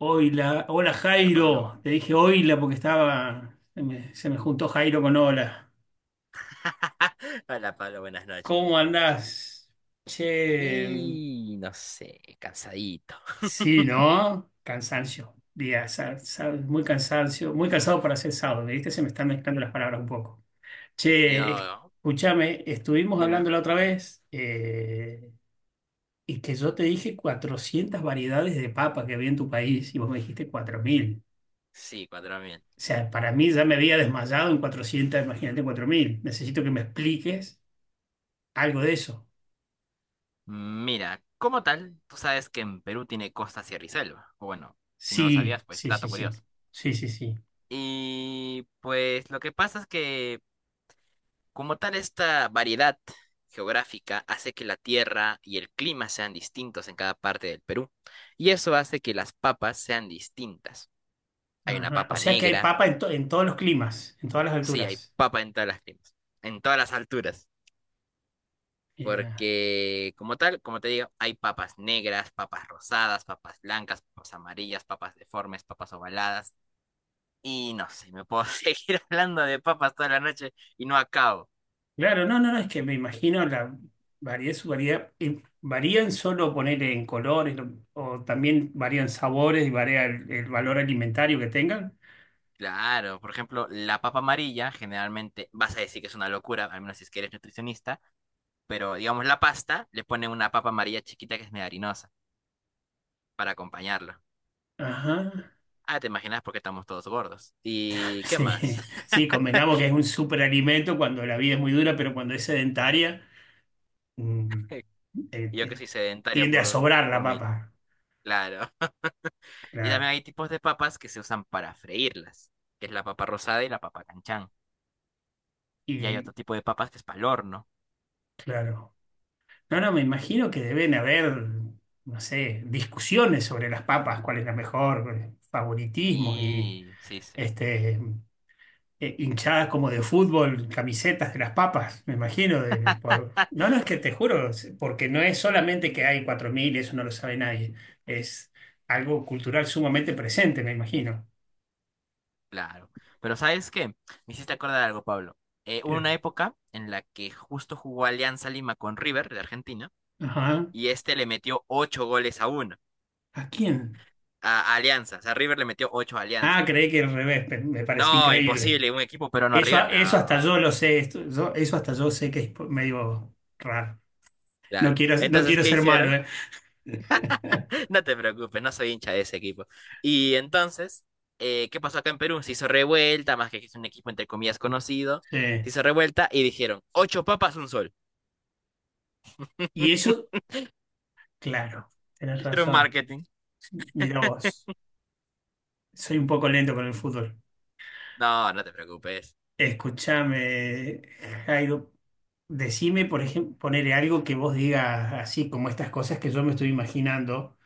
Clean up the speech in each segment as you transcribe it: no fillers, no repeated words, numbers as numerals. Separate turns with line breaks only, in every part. Oila, hola
Hola Pablo,
Jairo, te dije oila porque estaba, se me juntó Jairo con hola.
Hola Pablo, buenas noches,
¿Cómo
buenas noches.
andás? Che,
Y no sé, cansadito.
sí, ¿no? Cansancio, día, muy cansado para ser sábado, ¿viste? Se me están mezclando las palabras un poco. Che,
Yo,
escúchame, estuvimos
Dime.
hablando la otra vez y que yo te dije 400 variedades de papa que había en tu país y vos me dijiste 4.000.
Sí, 4.000.
O sea, para mí ya me había desmayado en 400, imagínate 4.000. Necesito que me expliques algo de eso.
Mira, como tal, tú sabes que en Perú tiene costa, sierra y selva. O bueno, si no lo
Sí,
sabías, pues
sí, sí,
dato
sí.
curioso.
Sí, sí, sí.
Y pues lo que pasa es que como tal esta variedad geográfica hace que la tierra y el clima sean distintos en cada parte del Perú. Y eso hace que las papas sean distintas. Hay una
Ajá. O
papa
sea que hay
negra.
papa en todos los climas, en todas las
Sí, hay
alturas.
papa en todas las climas, en todas las alturas,
Mira.
porque como tal, como te digo, hay papas negras, papas rosadas, papas blancas, papas amarillas, papas deformes, papas ovaladas, y no sé, me puedo seguir hablando de papas toda la noche y no acabo.
Claro, no, no, no, es que me imagino la su variedad. ¿Varían solo poner en colores o también varían sabores y varía el valor alimentario que tengan?
Claro, por ejemplo, la papa amarilla, generalmente vas a decir que es una locura, al menos si es que eres nutricionista, pero digamos la pasta, le ponen una papa amarilla chiquita que es medio harinosa para acompañarlo.
Ajá.
Ah, te imaginas porque estamos todos gordos. ¿Y qué más?
Sí, sí, convengamos que es un superalimento cuando la vida es muy dura, pero cuando es sedentaria. mm, eh,
Y yo que
te-
soy sedentario
tiende a
por,
sobrar la
por mil.
papa.
Claro. Y
Claro.
también hay tipos de papas que se usan para freírlas, que es la papa rosada y la papa canchán. Y hay
Y
otro tipo de papas que es para el horno.
claro. No, no, me imagino que deben haber, no sé, discusiones sobre las papas, cuál es la mejor, favoritismos y
Sí, sí, sí.
este hinchadas como de fútbol, camisetas de las papas, me imagino. No, no, es que te juro, porque no es solamente que hay 4.000 eso no lo sabe nadie. Es algo cultural sumamente presente, me imagino.
Claro. Pero ¿sabes qué? Me hiciste acordar algo, Pablo. Hubo
¿Qué?
una época en la que justo jugó Alianza Lima con River de Argentina
Ajá.
y este le metió ocho goles a uno.
¿A quién?
A Alianza. O sea, River le metió ocho a Alianza.
Ah, creí que al revés, me parecía
No,
increíble.
imposible, un equipo peruano a
Eso,
River.
eso hasta
No,
yo lo sé, eso hasta yo sé que es medio raro. No
claro.
quiero, no
Entonces,
quiero
¿qué
ser malo,
hicieron?
¿eh?
No te preocupes, no soy hincha de ese equipo. Y entonces, ¿qué pasó acá en Perú? Se hizo revuelta, más que es un equipo entre comillas conocido.
Sí.
Se hizo revuelta y dijeron, ocho papas, un sol.
Y eso, claro, tenés
Hicieron
razón.
marketing.
Mira vos, soy un poco lento con el fútbol.
No, no te preocupes.
Escúchame, Jairo, decime, por ejemplo, ponele algo que vos digas así, como estas cosas que yo me estoy imaginando.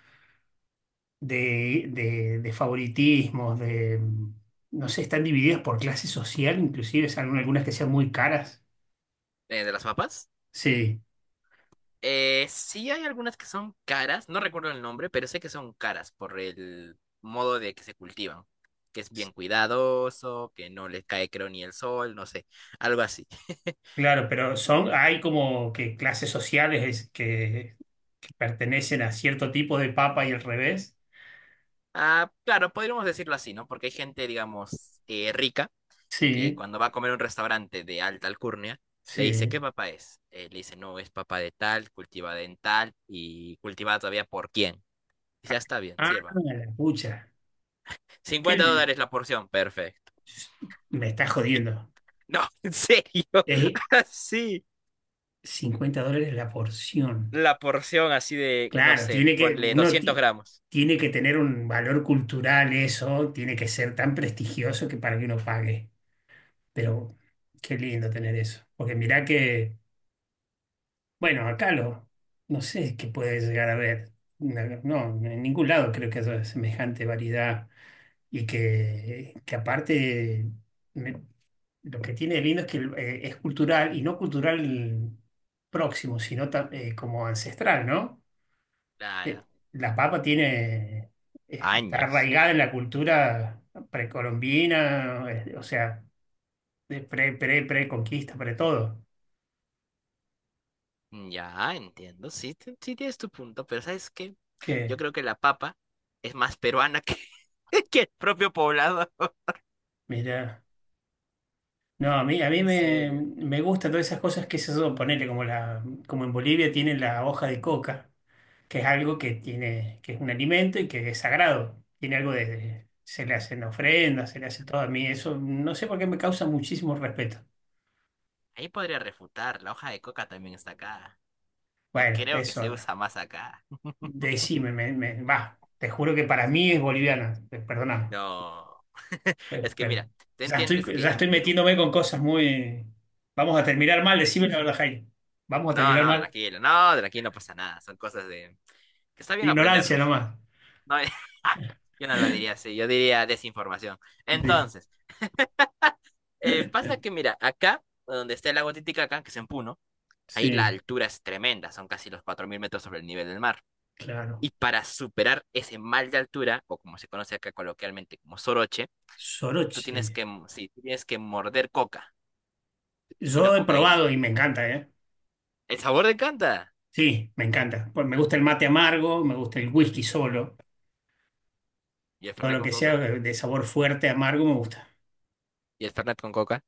De favoritismos, de, no sé, están divididas por clase social, inclusive, salen algunas que sean muy caras.
¿De las papas?
Sí,
Sí hay algunas que son caras, no recuerdo el nombre, pero sé que son caras por el modo de que se cultivan. Que es
s-
bien cuidadoso, que no les cae creo ni el sol, no sé, algo así.
claro, pero son, hay como que clases sociales que pertenecen a cierto tipo de papa y al revés.
Ah, claro, podríamos decirlo así, ¿no? Porque hay gente, digamos, rica, que
Sí,
cuando va a comer a un restaurante de alta alcurnia, le dice,
sí.
¿qué papá es? Le dice, no, es papá de tal, cultivada en tal y cultivada todavía por quién. Dice, "Ah, está bien,
Ah,
sirva.
la pucha. ¿Qué?
50
l-
dólares la porción, perfecto".
me está
Y-
jodiendo.
No, en serio,
Es
así,
50 dólares la porción.
la porción así de, no
Claro,
sé, ponle doscientos gramos.
tiene que tener un valor cultural eso, tiene que ser tan prestigioso que para que uno pague. Pero qué lindo tener eso. Porque mirá que, bueno, acá lo, no sé qué puede llegar a ver. No, no, en ningún lado creo que haya semejante variedad. Y que aparte, me- lo que tiene de lindo es que es cultural y no cultural próximo, sino como ancestral, ¿no? eh,
Claro,
la papa tiene, está
años.
arraigada en la cultura precolombina, o sea, de pre-conquista, pre todo.
Mm, ya, entiendo, sí, sí tienes tu punto, pero ¿sabes qué? Yo
Que,
creo que la papa es más peruana que, que el propio poblado.
mira, no, a mí
En
me,
serio.
me gustan todas esas cosas que se son, ponele, como en Bolivia tienen la hoja de coca, que es algo que tiene, que es un alimento y que es sagrado. Tiene algo de, se le hacen ofrendas, se le hace todo a mí. Eso no sé por qué me causa muchísimo respeto.
Ahí podría refutar, la hoja de coca también está acá. Y
Bueno,
creo que
eso.
se usa más acá.
Decime, va, te juro que para mí es boliviana, perdóname.
No.
Eh,
Es que
per-
mira, ¿te
ya estoy,
entiendes
ya
que en
estoy
Perú?
metiéndome con cosas muy... Vamos a terminar mal, decime la verdad, Jaime. Vamos a
No,
terminar
no,
mal.
tranquilo, no, tranquilo, no pasa nada. Son cosas de... que está bien
Ignorancia
aprenderlas.
nomás.
No, yo no lo diría así, yo diría desinformación.
De-
Entonces... pasa que, mira, acá, donde está el lago Titicaca, que es en Puno, ahí la
Sí,
altura es tremenda, son casi los 4.000 metros sobre el nivel del mar.
claro.
Y para superar ese mal de altura, o como se conoce acá coloquialmente como soroche, tú
Soroche.
tienes que, sí, tú tienes que morder coca, y no
Yo he
cocaína,
probado
man.
y me encanta, ¿eh?
El sabor de canta.
Sí, me encanta. Pues me gusta el mate amargo, me gusta el whisky solo.
¿Y el
Todo
Fernet
lo
con
que sea
coca?
de sabor fuerte, amargo, me gusta.
¿Y el Fernet con coca?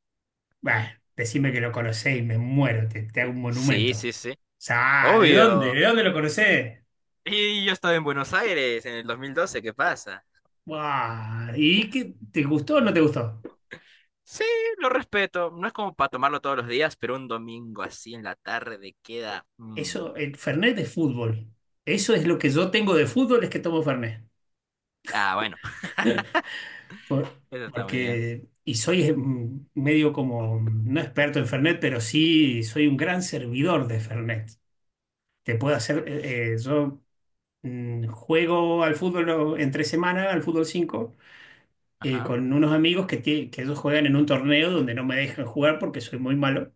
Bah, decime que lo conocés y me muero, te hago un
Sí,
monumento. O
sí, sí.
sea, ah, ¿de dónde?
Obvio.
¿De dónde lo conocés?
Y yo estaba en Buenos Aires en el 2012, ¿qué pasa?
Buah, ¿y qué? ¿Te gustó o no te gustó?
Sí, lo respeto. No es como para tomarlo todos los días, pero un domingo así en la tarde queda. Mm.
Eso, el Fernet de fútbol. Eso es lo que yo tengo de fútbol, es que tomo Fernet.
Ah, bueno,
Por-
eso está muy bien.
porque, y soy medio como, no experto en Fernet, pero sí soy un gran servidor de Fernet. Te puedo hacer, yo juego al fútbol entre semana, al fútbol 5. eh,
Ajá.
con unos amigos que, que ellos juegan en un torneo donde no me dejan jugar porque soy muy malo.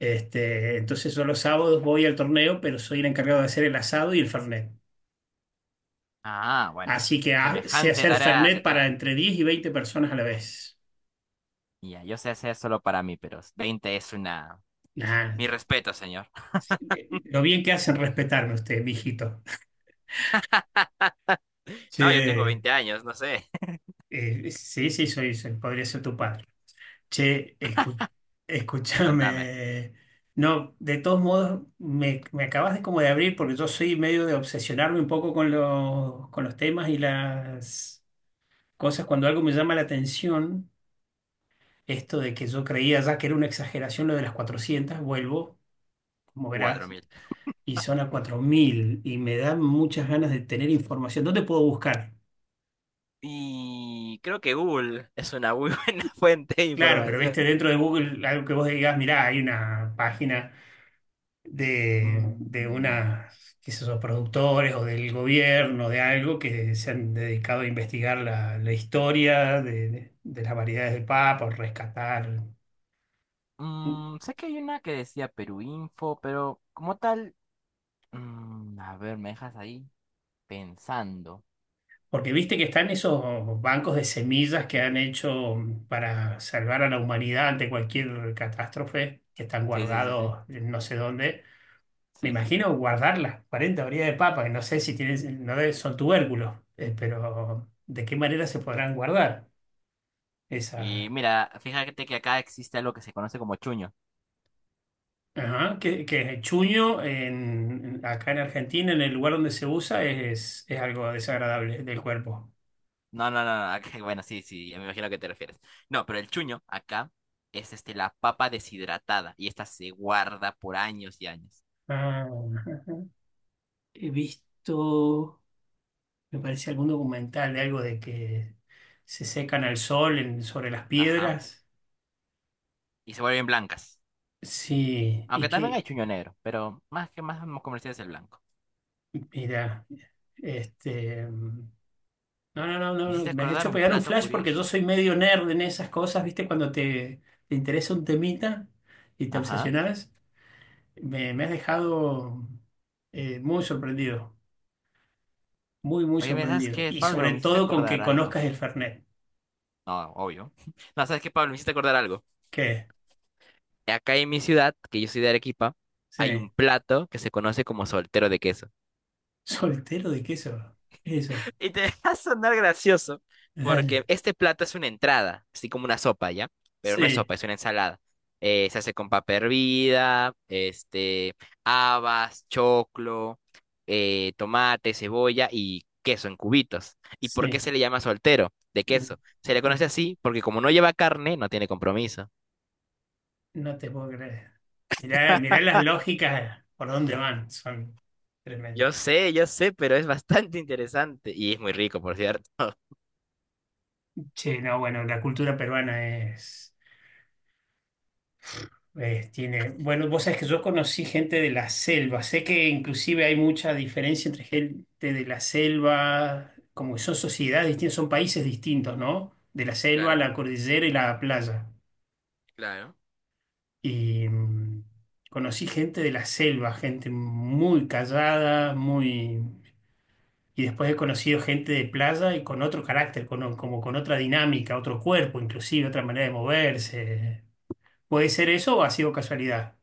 Este, entonces yo los sábados voy al torneo, pero soy el encargado de hacer el asado y el fernet.
Ah, bueno.
Así que sé
Semejante
hacer
tarea te
fernet
traes.
para entre 10 y 20 personas a la vez.
Ya, yo sé hacer solo para mí, pero 20 es una.
Nah,
Mi respeto, señor.
lo bien que hacen respetarme usted, mijito.
No, yo tengo
Sí,
20 años, no sé.
Sí, sí, podría ser tu padre. Che,
Cuéntame.
escúchame. No, de todos modos, me acabas de como de abrir porque yo soy medio de obsesionarme un poco con los, temas y las cosas. Cuando algo me llama la atención, esto de que yo creía ya que era una exageración lo de las 400 vuelvo, como
Cuatro
verás,
mil.
y son a 4.000 y me dan muchas ganas de tener información. ¿Dónde puedo buscar?
Y creo que Google es una muy buena fuente de
Claro, pero
información.
viste, dentro de Google, algo que vos digas, mirá, hay una página, de
Mm,
unas, qué sé yo, productores o del gobierno, de algo que se han dedicado a investigar la historia de las variedades de papa, o rescatar.
Sé que hay una que decía Perú Info, pero como tal. Mm, a ver, me dejas ahí pensando.
Porque viste que están esos bancos de semillas que han hecho para salvar a la humanidad ante cualquier catástrofe, que están
Sí, sí, sí, sí.
guardados en no sé dónde. Me
Sí, sí, sí.
imagino guardar las 40 variedades de papa, que no sé si tienen, no debe- son tubérculos, pero ¿de qué manera se podrán guardar
Y
esas?
mira, fíjate que acá existe algo que se conoce como chuño.
Ajá, que el chuño acá en Argentina, en el lugar donde se usa, es algo desagradable del cuerpo.
No, no, no, no, acá- bueno, sí, sí, ya me imagino a qué te refieres. No, pero el chuño acá es la papa deshidratada y esta se guarda por años y años.
Ah, ajá. He visto, me parece algún documental de algo de que se secan al sol sobre las
Ajá.
piedras.
Y se vuelven blancas.
Sí, y
Aunque también hay
que,
chuño negro, pero más que más comercial es el blanco.
mira, este... mm, no, no, no, no,
Me hiciste
no, me has
acordar
hecho
un
pegar un
plato
flash porque yo
curioso.
soy medio nerd en esas cosas, ¿viste? Cuando te interesa un temita y te
Ajá.
obsesionas. Me has dejado muy sorprendido, muy, muy
Oye, ¿me sabes
sorprendido.
qué,
Y
Pablo?
sobre
Me hiciste
todo con
acordar
que
algo.
conozcas el Fernet.
No, obvio. No, ¿sabes qué, Pablo? Me hiciste acordar algo.
¿Qué?
Acá en mi ciudad, que yo soy de Arequipa, hay
Sí.
un plato que se conoce como soltero de queso.
¿Soltero de queso? ¿Qué es eso?
Y te va a sonar gracioso, porque
Dale.
este plato es una entrada, así como una sopa, ¿ya? Pero no es
Sí,
sopa, es una ensalada. Se hace con papa hervida, habas, choclo, tomate, cebolla y queso en cubitos. ¿Y por qué
sí.
se le llama soltero de
Mm.
queso? Se le
Oh,
conoce así porque como no lleva carne, no tiene compromiso.
no te puedo creer. Mirá, mirá las lógicas por dónde van. Son tremendas.
Yo sé, pero es bastante interesante y es muy rico, por cierto.
Che, no, bueno, la cultura peruana es. Tiene, bueno, vos sabés que yo conocí gente de la selva. Sé que inclusive hay mucha diferencia entre gente de la selva, como que son sociedades distintas, son países distintos, ¿no? De la selva,
Claro,
la cordillera y la playa.
claro.
Y conocí gente de la selva, gente muy callada. Y después he conocido gente de playa y con otro carácter, con, como con otra dinámica, otro cuerpo, inclusive otra manera de moverse. ¿Puede ser eso o ha sido casualidad?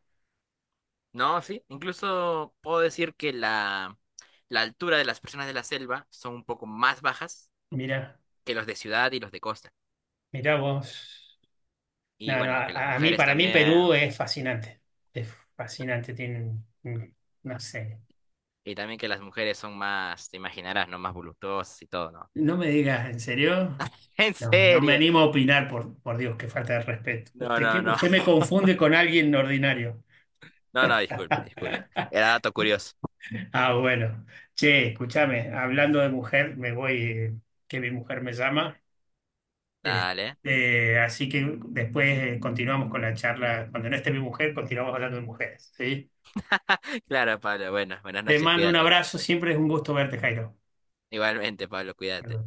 No, sí, incluso puedo decir que la altura de las personas de la selva son un poco más bajas
Mira.
que los de ciudad y los de costa.
Mirá vos.
Y
No, no,
bueno, que las mujeres
para mí Perú
también,
es fascinante. Es fascinante. Tienen, no sé.
y también que las mujeres son más, te imaginarás, ¿no? Más voluptuosas y todo, ¿no?
No me digas, ¿en serio?
En
No, no me
serio.
animo a opinar, por Dios, qué falta de respeto.
No,
Usted, ¿qué-
no, no.
usted me confunde con alguien ordinario.
No, no, disculpe, disculpe. Era dato curioso.
Ah, bueno. Che, escúchame, hablando de mujer, me voy, que mi mujer me llama.
Dale.
Este, así que después continuamos con la charla. Cuando no esté mi mujer, continuamos hablando de mujeres, ¿sí?
Claro, Pablo. Bueno, buenas
Te
noches,
mando un
cuídate.
abrazo, siempre es un gusto verte, Jairo.
Igualmente, Pablo, cuídate.